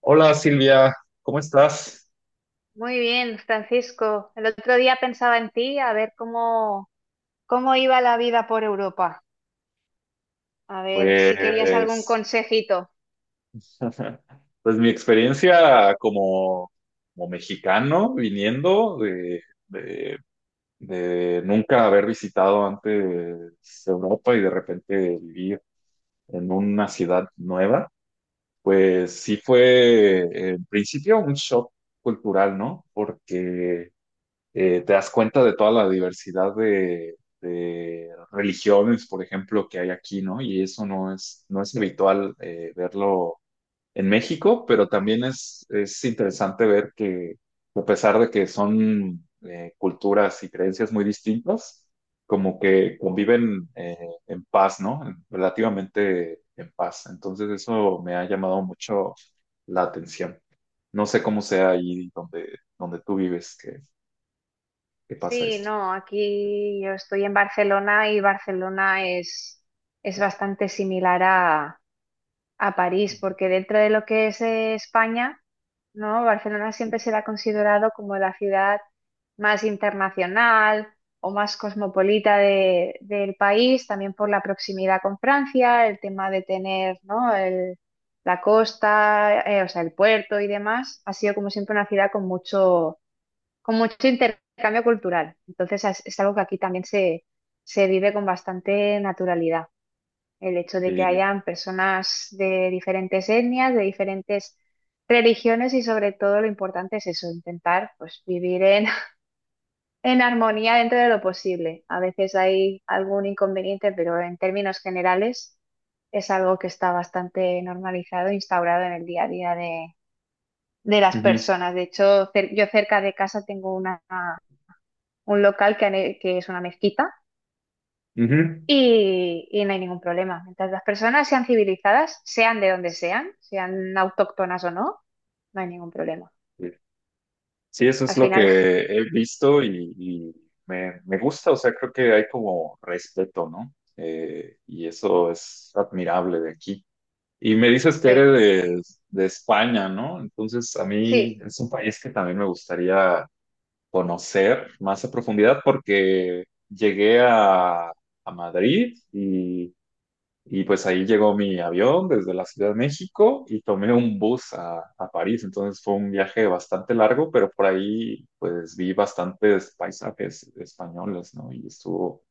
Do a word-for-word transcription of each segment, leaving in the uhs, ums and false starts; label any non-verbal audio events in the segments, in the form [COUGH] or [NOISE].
Hola Silvia, ¿cómo estás? Muy bien, Francisco. El otro día pensaba en ti, a ver cómo, cómo iba la vida por Europa. A ver si querías algún Pues, consejito. [LAUGHS] pues mi experiencia como, como mexicano viniendo de, de- de nunca haber visitado antes Europa y de repente vivir en una ciudad nueva, pues sí fue en principio un shock cultural, ¿no? Porque eh, te das cuenta de toda la diversidad de, de religiones, por ejemplo, que hay aquí, ¿no? Y eso no es, no es habitual eh, verlo en México, pero también es, es interesante ver que a pesar de que son eh, culturas y creencias muy distintas, como que conviven eh, en paz, ¿no? Relativamente en paz. Entonces eso me ha llamado mucho la atención. No sé cómo sea ahí donde, donde tú vives que, que pasa Sí, esto. no, aquí yo estoy en Barcelona y Barcelona es, es bastante similar a, a París, porque dentro de lo que es eh, España. No, Barcelona siempre se la ha considerado como la ciudad más internacional o más cosmopolita de- del país, también por la proximidad con Francia, el tema de tener, ¿no? el- la costa, eh, o sea, el puerto y demás, ha sido como siempre una ciudad con mucho, con mucho intercambio cultural. Entonces es, es algo que aquí también se, se vive con bastante naturalidad. El hecho de que Sí, hayan personas de diferentes etnias, de diferentes religiones y sobre todo lo importante es eso, intentar pues vivir en, [LAUGHS] en armonía dentro de lo posible. A veces hay algún inconveniente, pero en términos generales es algo que está bastante normalizado, instaurado en el día a día de, de las ujú, personas. De hecho, cer- yo cerca de casa tengo una, un local que, han he- que es una mezquita. ujú. Y, y no hay ningún problema. Mientras las personas sean civilizadas, sean de donde sean, sean autóctonas o no, no hay ningún problema. Eh, Sí, eso Al es lo final, que he visto y, y me, me gusta, o sea, creo que hay como respeto, ¿no? Eh, y eso es admirable de aquí. Y me dices [LAUGHS] que sí, eres de, de España, ¿no? Entonces, a mí sí, es un país que también me gustaría conocer más a profundidad porque llegué a, a Madrid y Y pues ahí llegó mi avión desde la Ciudad de México y tomé un bus a, a París. Entonces fue un viaje bastante largo, pero por ahí pues vi bastantes paisajes españoles, ¿no? Y estuvo,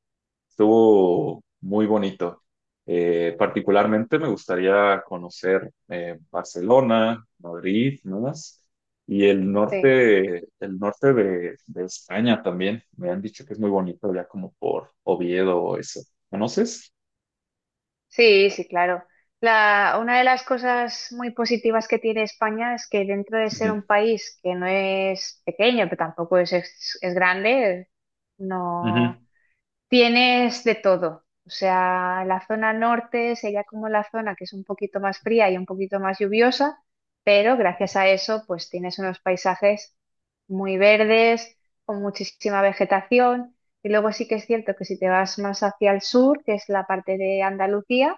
estuvo muy bonito. Eh, particularmente me gustaría conocer eh, Barcelona, Madrid, ¿no más? Y el sí, norte, el norte de, de España también. Me han dicho que es muy bonito ya como por Oviedo o eso. ¿Conoces? sí, sí, claro. La, una de las cosas muy positivas que tiene España es que dentro de ser un Ujú. país que no es pequeño, pero tampoco es, es, es grande, Ujú. no, tienes de todo. O sea, la zona norte sería como la zona que es un poquito más fría y un poquito más lluviosa, pero gracias a eso, pues tienes unos paisajes muy verdes, con muchísima vegetación. Y luego sí que es cierto que si te vas más hacia el sur, que es la parte de Andalucía,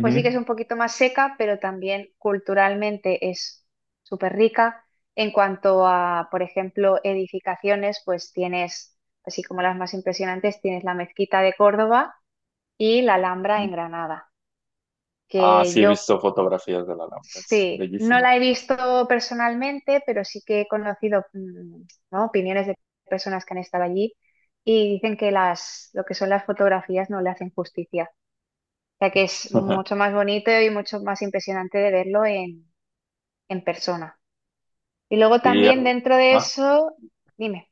pues sí que es un poquito más seca, pero también culturalmente es súper rica. En cuanto a, por ejemplo, edificaciones, pues tienes, así como las más impresionantes, tienes la Mezquita de Córdoba y la Alhambra en Ujú. Granada, Ah, que sí, he yo visto fotografías de la Alhambra, es sí, no bellísima. la he visto personalmente, pero sí que he conocido, mm, ¿no? opiniones de personas que han estado allí y dicen que las, lo que son las fotografías no le hacen justicia sea que es mucho [LAUGHS] más bonito y mucho más impresionante de verlo en, en persona. Y luego Sí, también dentro de ajá. eso, dime,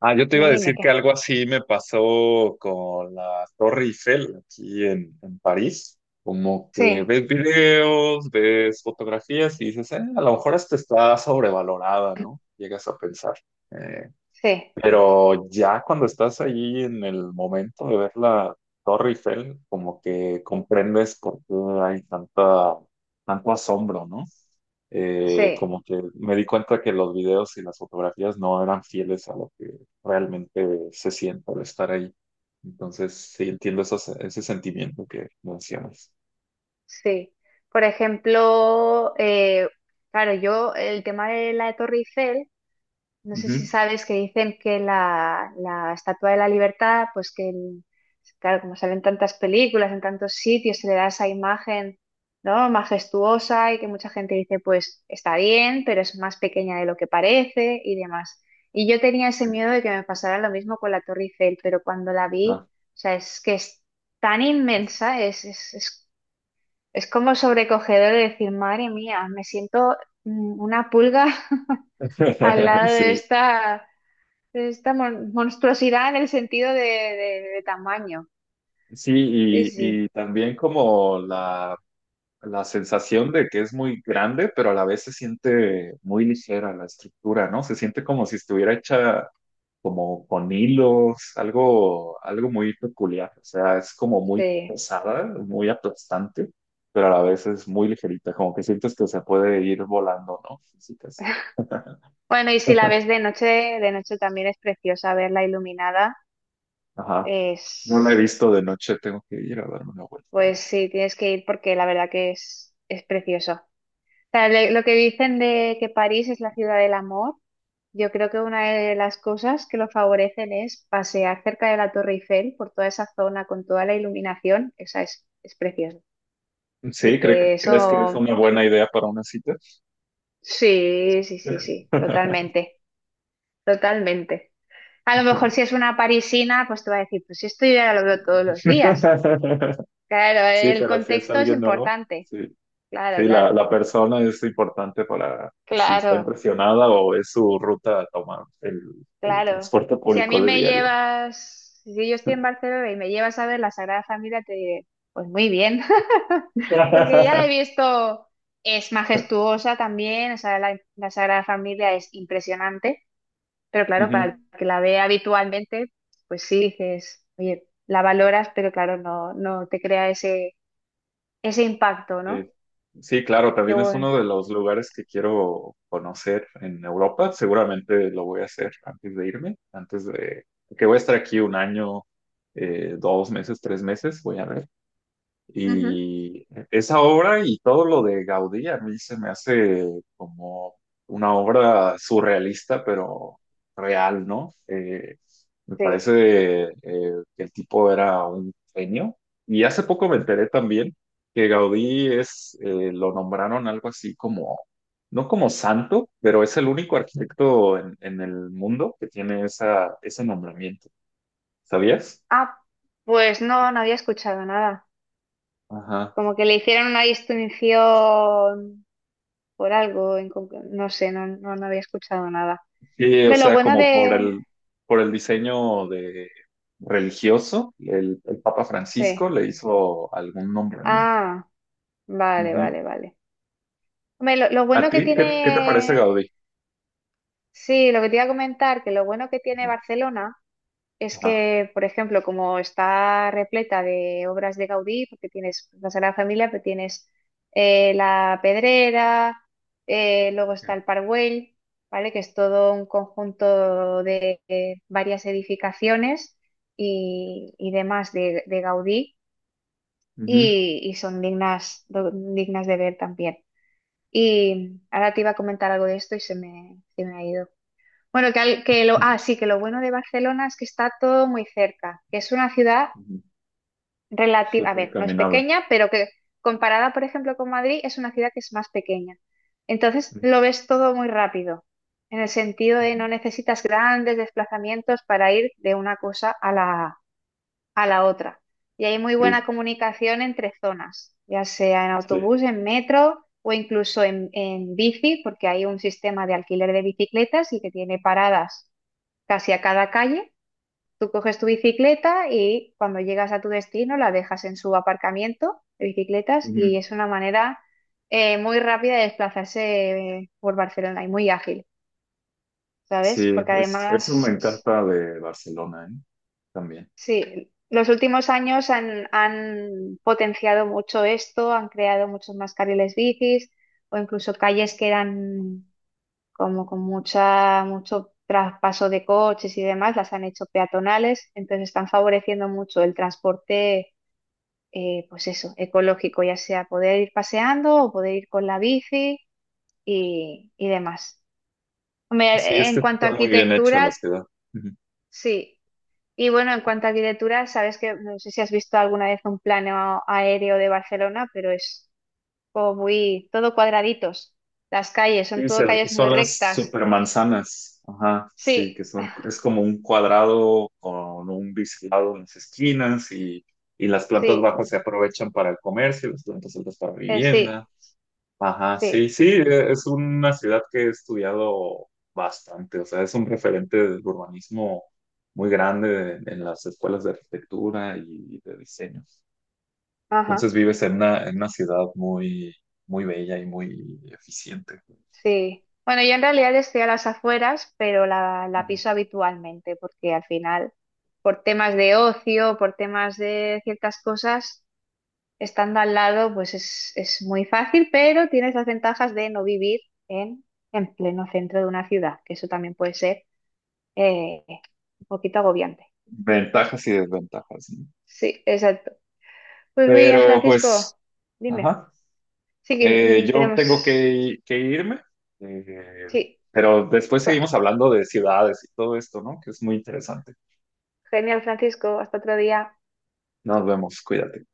Ah, yo te iba dime, a dime decir que qué. algo así me pasó con la Torre Eiffel aquí en, en París. Como que Sí, ves videos, ves fotografías y dices, "Eh, a lo mejor esta está sobrevalorada, ¿no? Llegas a pensar. eh, sí, Pero ya cuando estás ahí en el momento de ver la Torre Eiffel, como que comprendes por qué hay tanta, tanto asombro, ¿no? Eh, sí, Como que me di cuenta que los videos y las fotografías no eran fieles a lo que realmente se siente al estar ahí. Entonces, sí entiendo esos- ese sentimiento que mencionas. sí. Por ejemplo, eh, claro, yo el tema de la Torre Eiffel. No sé Ujú. si sabes que dicen que la, la Estatua de la Libertad, pues que, el- claro, como salen tantas películas, en tantos sitios, se le da esa imagen, ¿no? Majestuosa y que mucha gente dice, pues está bien, pero es más pequeña de lo que parece y demás. Y yo tenía ese miedo de que me pasara lo mismo con la Torre Eiffel, pero cuando la vi, Ah. o sea, es que es tan inmensa, es, es, es, es como sobrecogedor de decir, madre mía, me siento mm, una pulga [LAUGHS] al [LAUGHS] lado de Sí, esta esta mon- monstruosidad en el sentido de, de- de tamaño. sí, Sí, y, sí, y también como la La sensación de que es muy grande, pero a la vez se siente muy ligera la estructura, ¿no? Se siente como si estuviera hecha como con hilos, algo, algo muy peculiar. O sea, es como muy sí. pesada, muy aplastante, pero a la vez es muy ligerita, como que sientes que se puede ir volando, ¿no? Físicas. Bueno, y si la ves de noche, de noche también es preciosa verla iluminada. Ajá. No la he Es, visto de noche, tengo que ir a darme una vuelta. pues sí, tienes que ir porque la verdad que es, es precioso. O sea, le- lo que dicen de que París es la ciudad del amor, yo creo que una de las cosas que lo favorecen es pasear cerca de la Torre Eiffel por toda esa zona con toda la iluminación. Esa es, es preciosa. Así Sí, que ¿cre- ¿crees que es eso. una buena idea para una cita? Sí, sí, sí, sí, totalmente, totalmente. A lo mejor si es [LAUGHS] una parisina, pues te va a decir, pues esto yo ya lo veo todos los días. Claro, Sí, el pero si es contexto es alguien nuevo, importante. sí. Sí, Claro, la, claro, la persona es importante para si está claro, impresionada o es su ruta a tomar el, el claro. transporte Si a mí público de me diario, llevas, si yo estoy ¿no? en Barcelona y me llevas a ver la Sagrada Familia, te diré, pues muy bien, [LAUGHS] porque ya la he [LAUGHS] visto, es majestuosa también, o sea, la la Sagrada Familia es impresionante. Pero claro, para el Ujú. que la ve habitualmente, pues sí dices, oye, la valoras, pero claro, no, no te crea ese, ese impacto, Sí. ¿no? Sí, claro, Qué también es bueno. uno de los lugares que quiero conocer en Europa. Seguramente lo voy a hacer antes de irme, antes de que voy a estar aquí un año, eh, dos meses, tres meses, voy a ver. Ujú, Y esa obra y todo lo de Gaudí a mí se me hace como una obra surrealista, pero real, ¿no? Eh, me sí. parece eh, que el tipo era un genio. Y hace poco me enteré también que Gaudí es, eh, lo nombraron algo así como, no como santo, pero es el único arquitecto en, en el mundo que tiene esa, ese nombramiento. ¿Sabías? Ah, pues no, no había escuchado nada. Ajá. Como que le hicieron una distinción por algo, en conc- no sé, no, no, no había escuchado nada. Sí, o De lo sea, bueno como por de... el, por el diseño de religioso, el, el Papa Francisco Sí. le hizo algún nombramiento. Ah, vale, Ujú. vale, vale. Hombre, lo lo ¿A bueno que ti qué, qué te parece tiene... Gaudí? Sí, lo que te iba a comentar, que lo bueno que tiene Ajá. Barcelona es Ajá. que, por ejemplo, como está repleta de obras de Gaudí, porque tienes la Sagrada Familia, pero tienes eh, la Pedrera, eh, luego está el Parwell, ¿vale? Que es todo un conjunto de, eh, varias edificaciones y, y demás de, de Gaudí Ujú. y, y son dignas, do- dignas de ver también. Y ahora te iba a comentar algo de esto y se me, se me ha ido. Bueno, que, al- que lo, ah, sí, que lo bueno de Barcelona es que está todo muy cerca, que es una ciudad Ujú. relativa, a Súper ver, no es caminable. pequeña, pero que comparada, por ejemplo, con Madrid, es una ciudad que es más pequeña. Entonces, lo ves todo muy rápido, en el sentido de Ujú. no necesitas grandes desplazamientos para ir de una cosa a la, a la otra. Y hay muy buena Sí, comunicación entre zonas, ya sea en sí. autobús, en metro o incluso en en bici, porque hay un sistema de alquiler de bicicletas y que tiene paradas casi a cada calle. Tú coges tu bicicleta y cuando llegas a tu destino la dejas en su aparcamiento de bicicletas y Ujú. es una manera eh, muy rápida de desplazarse eh, por Barcelona y muy ágil, ¿sabes? Sí, Porque es, eso me además, encanta de Barcelona, ¿eh? También. sí, los últimos años han, han potenciado mucho esto, han creado muchos más carriles bicis o incluso calles que eran como con mucha, mucho traspaso de coches y demás, las han hecho peatonales, entonces están favoreciendo mucho el transporte, eh, pues eso, ecológico, ya sea poder ir paseando o poder ir con la bici y, y demás. Sí, Hombre, es en que cuanto a está muy bien hecha la arquitectura, ciudad. sí. Y bueno, en cuanto a arquitectura, sabes que no sé si has visto alguna vez un plano aéreo de Barcelona, pero es como muy todo cuadraditos. Las calles son Sí, se- todo calles muy son las rectas. supermanzanas. Ajá, sí, Sí, que son, es como un cuadrado con un biselado en las esquinas y, y las plantas sí, bajas se aprovechan para el comercio, las plantas altas para eh, vivienda. sí. Ajá, sí, Sí, sí, e- es una ciudad que he estudiado bastante, o sea, es un referente del urbanismo muy grande en, en las escuelas de arquitectura y de diseño. Entonces ajá, vives en una, en una ciudad muy, muy bella y muy eficiente. sí. Bueno, yo en realidad estoy a las afueras, pero la, la Ujú. piso habitualmente, porque al final, por temas de ocio, por temas de ciertas cosas, estando al lado, pues es, es muy fácil, pero tienes las ventajas de no vivir en, en pleno centro de una ciudad, que eso también puede ser eh, un poquito agobiante. Ventajas y desventajas, ¿no? Sí, exacto. Pues muy bien, Pero pues, Francisco, dime. ajá, Sí que eh, mm, yo tengo tenemos... que, que irme, eh, Sí, pero después co- seguimos hablando de ciudades y todo esto, ¿no? Que es muy interesante. genial, Francisco, hasta otro día. Nos vemos, cuídate.